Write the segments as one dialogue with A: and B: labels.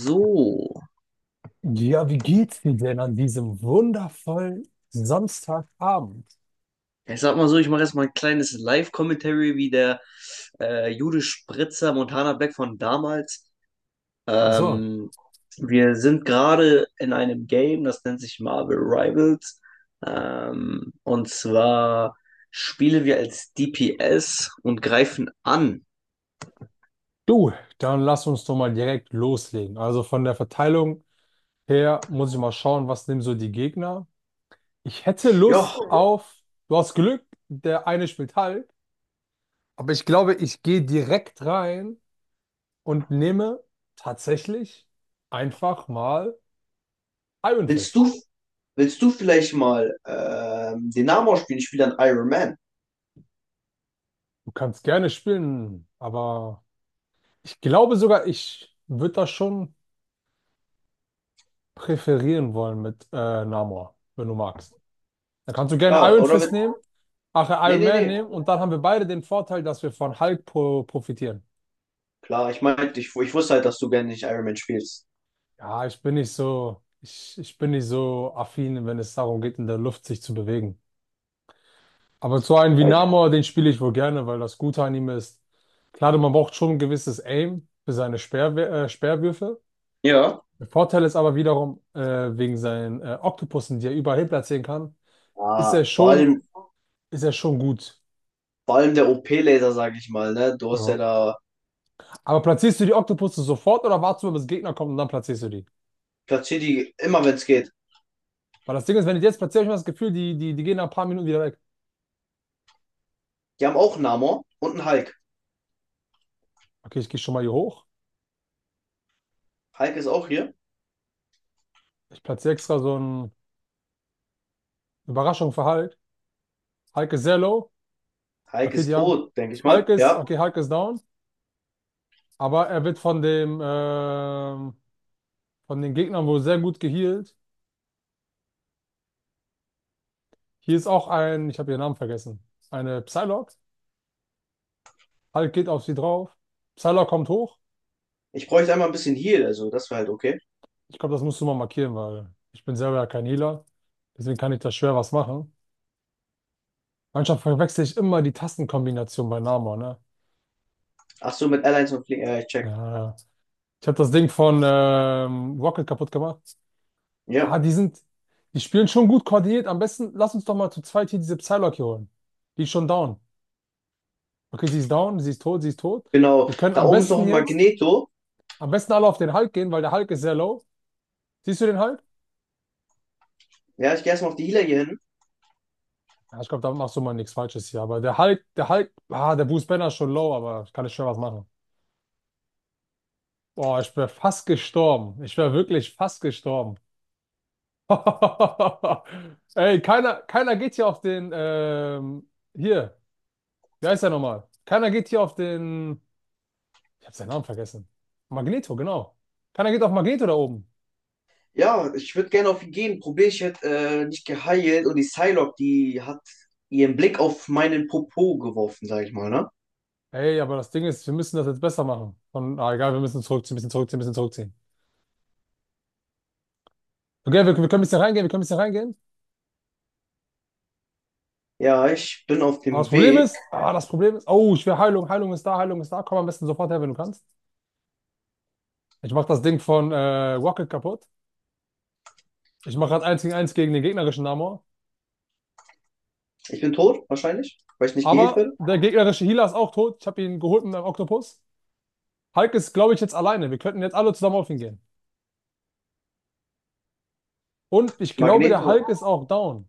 A: So.
B: Ja, wie geht's dir denn an diesem wundervollen Samstagabend?
A: Ja, ich sag mal so, ich mache jetzt mal ein kleines Live-Commentary, wie der Jude Spritzer Montana Black von damals.
B: Ach so,
A: Ähm, Wir sind gerade in einem Game, das nennt sich Marvel Rivals. Und zwar spielen wir als DPS und greifen an.
B: du, dann lass uns doch mal direkt loslegen. Also von der Verteilung her muss ich mal schauen, was nehmen so die Gegner. Ich hätte
A: Ja,
B: Lust auf, du hast Glück, der eine spielt Hulk, aber ich glaube, ich gehe direkt rein und nehme tatsächlich einfach mal Iron
A: willst
B: Fist.
A: du, willst du vielleicht mal den Namen ausspielen? Ich spiele dann Iron Man.
B: Du kannst gerne spielen, aber ich glaube sogar, ich würde da schon präferieren wollen mit Namor, wenn du magst. Dann kannst du gerne
A: Klar,
B: Iron
A: oder?
B: Fist
A: Will,
B: nehmen, ach,
A: nee,
B: Iron
A: nee,
B: Man
A: nee.
B: nehmen und dann haben wir beide den Vorteil, dass wir von Hulk pro profitieren.
A: Klar, ich meinte, ich wusste halt, dass du gerne nicht Iron Man spielst.
B: Ja, ich bin nicht so, ich bin nicht so affin, wenn es darum geht, in der Luft sich zu bewegen. Aber so einen wie
A: Ich,
B: Namor, den spiele ich wohl gerne, weil das Gute an ihm ist, klar, man braucht schon ein gewisses Aim für seine Speer, Speerwürfe.
A: Ja,
B: Der Vorteil ist aber wiederum, wegen seinen Oktopussen, die er überall hin platzieren kann, ist er
A: ah,
B: schon, ist er schon gut.
A: vor allem der OP-Laser, sage ich mal, ne? Du hast
B: Ja.
A: ja da
B: Aber platzierst du die Oktopusse sofort oder wartest du mal, bis Gegner kommt und dann platzierst du die?
A: platziert die immer, wenn es geht.
B: Weil das Ding ist, wenn ich die jetzt platziere, habe ich immer das Gefühl, die gehen nach ein paar Minuten wieder weg.
A: Die haben auch einen Namor und einen Hulk.
B: Okay, ich gehe schon mal hier hoch.
A: Hulk ist auch hier.
B: Ich platziere extra so eine Überraschung für Hulk. Hulk ist sehr low.
A: Hulk
B: Okay,
A: ist
B: die haben.
A: tot, denke ich
B: Hulk
A: mal.
B: ist,
A: Ja.
B: okay, Hulk ist down. Aber er wird von dem, von den Gegnern wohl sehr gut gehealt. Hier ist auch ein, ich habe ihren Namen vergessen. Eine Psylocke. Hulk geht auf sie drauf. Psylocke kommt hoch.
A: Ich bräuchte einmal ein bisschen Heal, also das wäre halt okay.
B: Ich glaube, das musst du mal markieren, weil ich bin selber ja kein Healer. Deswegen kann ich da schwer was machen. Manchmal verwechsel ich immer die Tastenkombination bei Nama, ne?
A: Ach so, mit Allies und Fliegen, ja, ich
B: Ja,
A: check.
B: ja, ja. Ich habe das Ding von Rocket kaputt gemacht. Ah,
A: Ja,
B: die spielen schon gut koordiniert. Am besten lass uns doch mal zu zweit hier diese Psylocke hier holen. Die ist schon down. Okay, sie ist down, sie ist tot, sie ist tot.
A: genau.
B: Wir können
A: Da
B: am
A: oben ist noch
B: besten
A: ein
B: jetzt,
A: Magneto.
B: Am besten alle auf den Hulk gehen, weil der Hulk ist sehr low. Siehst du den Hulk?
A: Ja, ich gehe erstmal auf die Healer hier hin.
B: Ja, ich glaube, da machst du mal nichts Falsches hier. Aber der Hulk, ah, der Bruce Banner ist schon low, aber ich kann nicht schwer was machen. Boah, ich wäre fast gestorben. Ich wäre wirklich fast gestorben. Ey, keiner, keiner geht hier auf den, hier, wie heißt er nochmal? Keiner geht hier auf den, ich habe seinen Namen vergessen. Magneto, genau. Keiner geht auf Magneto da oben.
A: Ja, ich würde gerne auf ihn gehen. Probier, ich hätte nicht geheilt und die Psylocke, die hat ihren Blick auf meinen Popo geworfen, sag ich mal, ne?
B: Ey, aber das Ding ist, wir müssen das jetzt besser machen. Und, ah, egal, wir müssen zurückziehen, bisschen zurückziehen, bisschen zurückziehen. Okay, wir können ein bisschen reingehen, wir können ein bisschen reingehen.
A: Ja, ich bin auf
B: Aber das
A: dem
B: Problem
A: Weg.
B: ist, ah, das Problem ist, oh, ich will Heilung, Heilung ist da, Heilung ist da. Komm am besten sofort her, wenn du kannst. Ich mach das Ding von Rocket kaputt. Ich mache gerade 1 gegen 1 gegen den gegnerischen Namor.
A: Ich bin tot, wahrscheinlich, weil ich nicht geheilt werde.
B: Aber der gegnerische Healer ist auch tot. Ich habe ihn geholt mit einem Oktopus. Hulk ist, glaube ich, jetzt alleine. Wir könnten jetzt alle zusammen auf ihn gehen. Und ich glaube,
A: Magnet.
B: der Hulk ist auch down.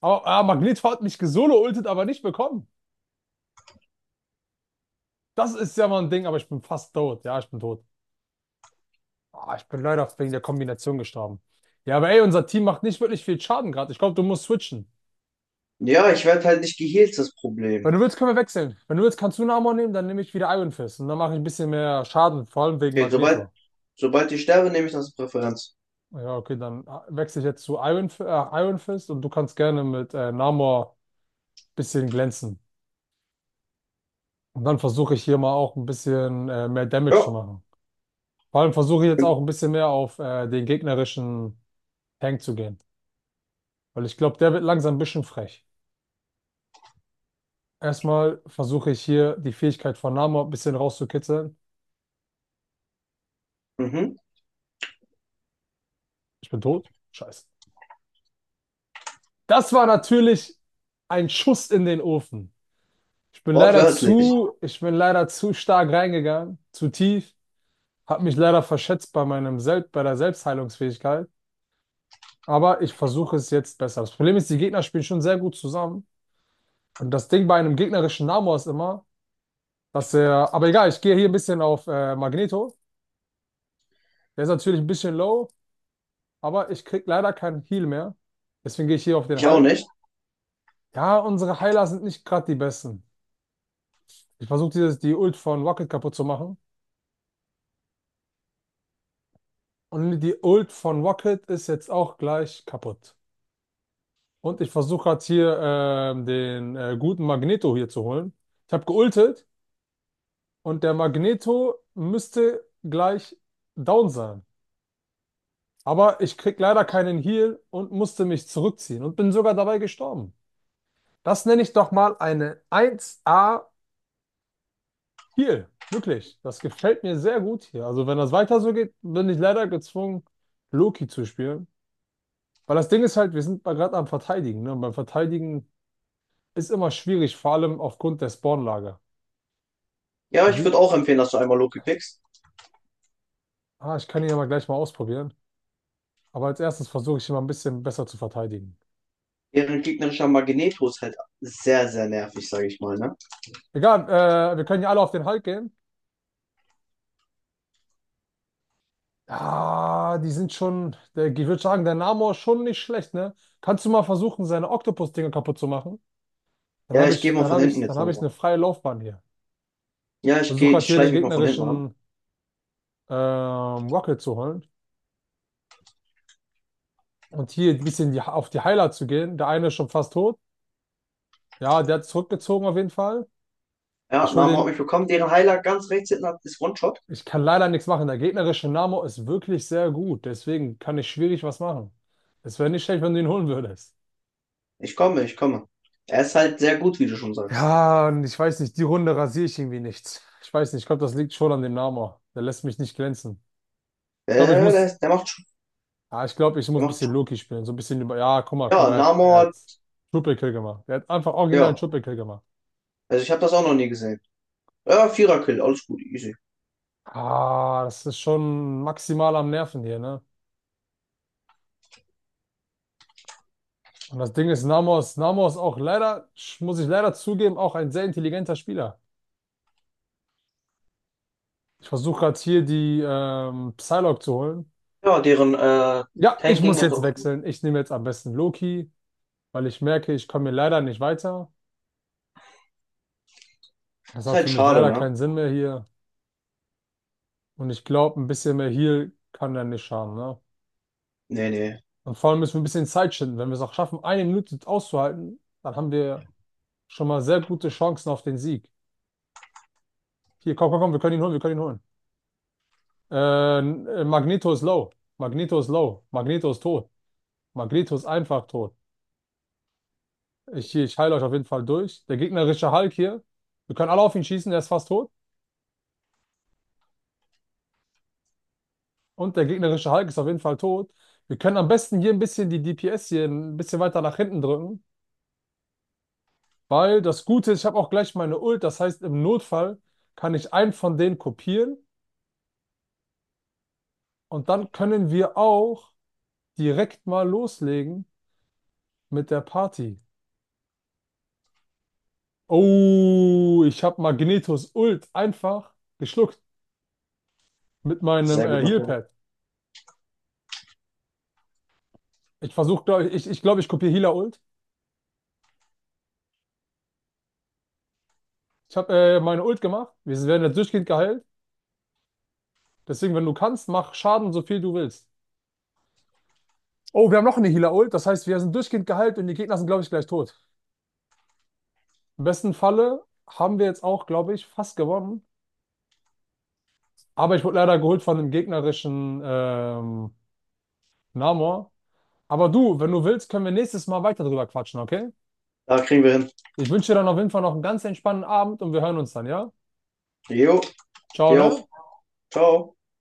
B: Aber ah, Magneto hat mich gesolo-ultet, aber nicht bekommen. Das ist ja mal ein Ding, aber ich bin fast tot. Ja, ich bin tot. Ah, ich bin leider wegen der Kombination gestorben. Ja, aber ey, unser Team macht nicht wirklich viel Schaden gerade. Ich glaube, du musst switchen.
A: Ja, ich werde halt nicht geheilt, das
B: Wenn
A: Problem.
B: du willst, können wir wechseln. Wenn du willst, kannst du einen Amor nehmen, dann nehme ich wieder Iron Fist. Und dann mache ich ein bisschen mehr Schaden, vor allem wegen
A: Okay,
B: Magneto.
A: sobald ich sterbe, nehme ich das als Präferenz.
B: Ja, okay, dann wechsle ich jetzt zu Iron Fist und du kannst gerne mit Namor ein bisschen glänzen. Und dann versuche ich hier mal auch ein bisschen mehr Damage zu
A: Ja.
B: machen. Vor allem versuche ich jetzt auch ein bisschen mehr auf den gegnerischen Tank zu gehen. Weil ich glaube, der wird langsam ein bisschen frech. Erstmal versuche ich hier die Fähigkeit von Namor ein bisschen rauszukitzeln.
A: Mhm.
B: Ich bin tot. Scheiße. Das war natürlich ein Schuss in den Ofen.
A: Wortwörtlich.
B: Ich bin leider zu stark reingegangen, zu tief. Hab mich leider verschätzt bei meinem Sel bei der Selbstheilungsfähigkeit, aber ich versuche es jetzt besser. Das Problem ist, die Gegner spielen schon sehr gut zusammen. Und das Ding bei einem gegnerischen Namor ist immer, dass er, aber egal, ich gehe hier ein bisschen auf Magneto. Der ist natürlich ein bisschen low, aber ich krieg leider keinen Heal mehr. Deswegen gehe ich hier auf den
A: Ich auch
B: Hulk.
A: nicht.
B: Ja, unsere Heiler sind nicht gerade die besten. Ich versuche dieses die Ult von Rocket kaputt zu machen. Und die Ult von Rocket ist jetzt auch gleich kaputt. Und ich versuche gerade hier den guten Magneto hier zu holen. Ich habe geultet und der Magneto müsste gleich down sein. Aber ich krieg leider keinen Heal und musste mich zurückziehen und bin sogar dabei gestorben. Das nenne ich doch mal eine 1A Heal. Wirklich. Das gefällt mir sehr gut hier. Also wenn das weiter so geht, bin ich leider gezwungen, Loki zu spielen. Weil das Ding ist halt, wir sind gerade am Verteidigen. Ne? Und beim Verteidigen ist immer schwierig, vor allem aufgrund der Spawnlage.
A: Ja, ich
B: Wie,
A: würde auch empfehlen, dass du einmal Loki pickst.
B: ah, ich kann ihn aber gleich mal ausprobieren. Aber als erstes versuche ich ihn mal ein bisschen besser zu verteidigen.
A: Deren gegnerischer Magneto ist halt sehr, sehr nervig, sage ich mal, ne?
B: Egal, wir können ja alle auf den Hulk gehen. Ah, die sind schon, der, ich würde sagen, der Namor ist schon nicht schlecht, ne? Kannst du mal versuchen, seine Oktopus-Dinger kaputt zu machen?
A: Ja, ich gehe mal von hinten
B: Dann
A: jetzt
B: habe ich
A: langsam.
B: eine freie Laufbahn hier.
A: Ja,
B: Versuche gerade
A: ich
B: hier den
A: schleiche mich mal von hinten ran.
B: gegnerischen Rocket zu holen und hier ein bisschen die, auf die Heiler zu gehen. Der eine ist schon fast tot. Ja, der hat zurückgezogen auf jeden Fall.
A: Ja,
B: Ich hole
A: Name hat
B: den.
A: mich bekommen. Deren Heiler ganz rechts hinten ist One-Shot.
B: Ich kann leider nichts machen. Der gegnerische Namo ist wirklich sehr gut. Deswegen kann ich schwierig was machen. Es wäre nicht schlecht, wenn du ihn holen würdest.
A: Ich komme. Er ist halt sehr gut, wie du schon sagst.
B: Ja, und ich weiß nicht, die Runde rasiere ich irgendwie nicht. Ich weiß nicht, ich glaube, das liegt schon an dem Namo. Der lässt mich nicht glänzen.
A: Äh,
B: Ich glaube, ich
A: der,
B: muss,
A: ist- der macht, sch-
B: ja, ich glaube, ich muss
A: der
B: ein
A: macht.
B: bisschen Loki spielen. So ein bisschen über, ja, guck
A: Ja,
B: mal, er hat Triple Kill gemacht. Er hat einfach original
A: Ja.
B: Triple Kill gemacht.
A: Also ich habe das auch noch nie gesehen. Ja, Vierer-Kill, alles gut, easy.
B: Ah, das ist schon maximal am Nerven hier, ne? Und das Ding ist, Namo ist auch leider, sch- muss ich leider zugeben, auch ein sehr intelligenter Spieler. Ich versuche gerade hier die Psylocke zu holen.
A: Ja, deren
B: Ja, ich
A: Tank ging
B: muss
A: jetzt
B: jetzt
A: auch.
B: wechseln. Ich nehme jetzt am besten Loki, weil ich merke, ich komme hier leider nicht weiter. Das
A: Ist
B: hat
A: halt
B: für mich
A: schade,
B: leider
A: ne?
B: keinen Sinn mehr hier. Und ich glaube, ein bisschen mehr Heal kann er nicht schaden. Ne?
A: Nee, nee.
B: Und vor allem müssen wir ein bisschen Zeit schinden. Wenn wir es auch schaffen, eine Minute auszuhalten, dann haben wir schon mal sehr gute Chancen auf den Sieg. Hier, komm, komm, komm, wir können ihn holen, wir können ihn holen. Magneto ist low. Magneto ist low. Magneto ist tot. Magneto ist einfach tot. Ich heile euch auf jeden Fall durch. Der gegnerische Hulk hier, wir können alle auf ihn schießen, der ist fast tot. Und der gegnerische Hulk ist auf jeden Fall tot. Wir können am besten hier ein bisschen die DPS hier ein bisschen weiter nach hinten drücken, weil das Gute ist, ich habe auch gleich meine Ult. Das heißt, im Notfall kann ich einen von denen kopieren und dann können wir auch direkt mal loslegen mit der Party. Oh, ich habe Magnetos Ult einfach geschluckt mit meinem
A: Sehr gut, Mathe.
B: Healpad. Ich glaube, ich kopiere Healer-Ult. Ich habe meine Ult gemacht. Wir werden jetzt durchgehend geheilt. Deswegen, wenn du kannst, mach Schaden so viel du willst. Oh, wir haben noch eine Healer-Ult. Das heißt, wir sind durchgehend geheilt und die Gegner sind, glaube ich, gleich tot. Im besten Falle haben wir jetzt auch, glaube ich, fast gewonnen. Aber ich wurde leider geholt von dem gegnerischen Namor. Aber du, wenn du willst, können wir nächstes Mal weiter drüber quatschen, okay?
A: Da kriegen wir hin.
B: Ich wünsche dir dann auf jeden Fall noch einen ganz entspannten Abend und wir hören uns dann, ja?
A: Jo,
B: Ciao,
A: dir auch.
B: ne?
A: Ciao.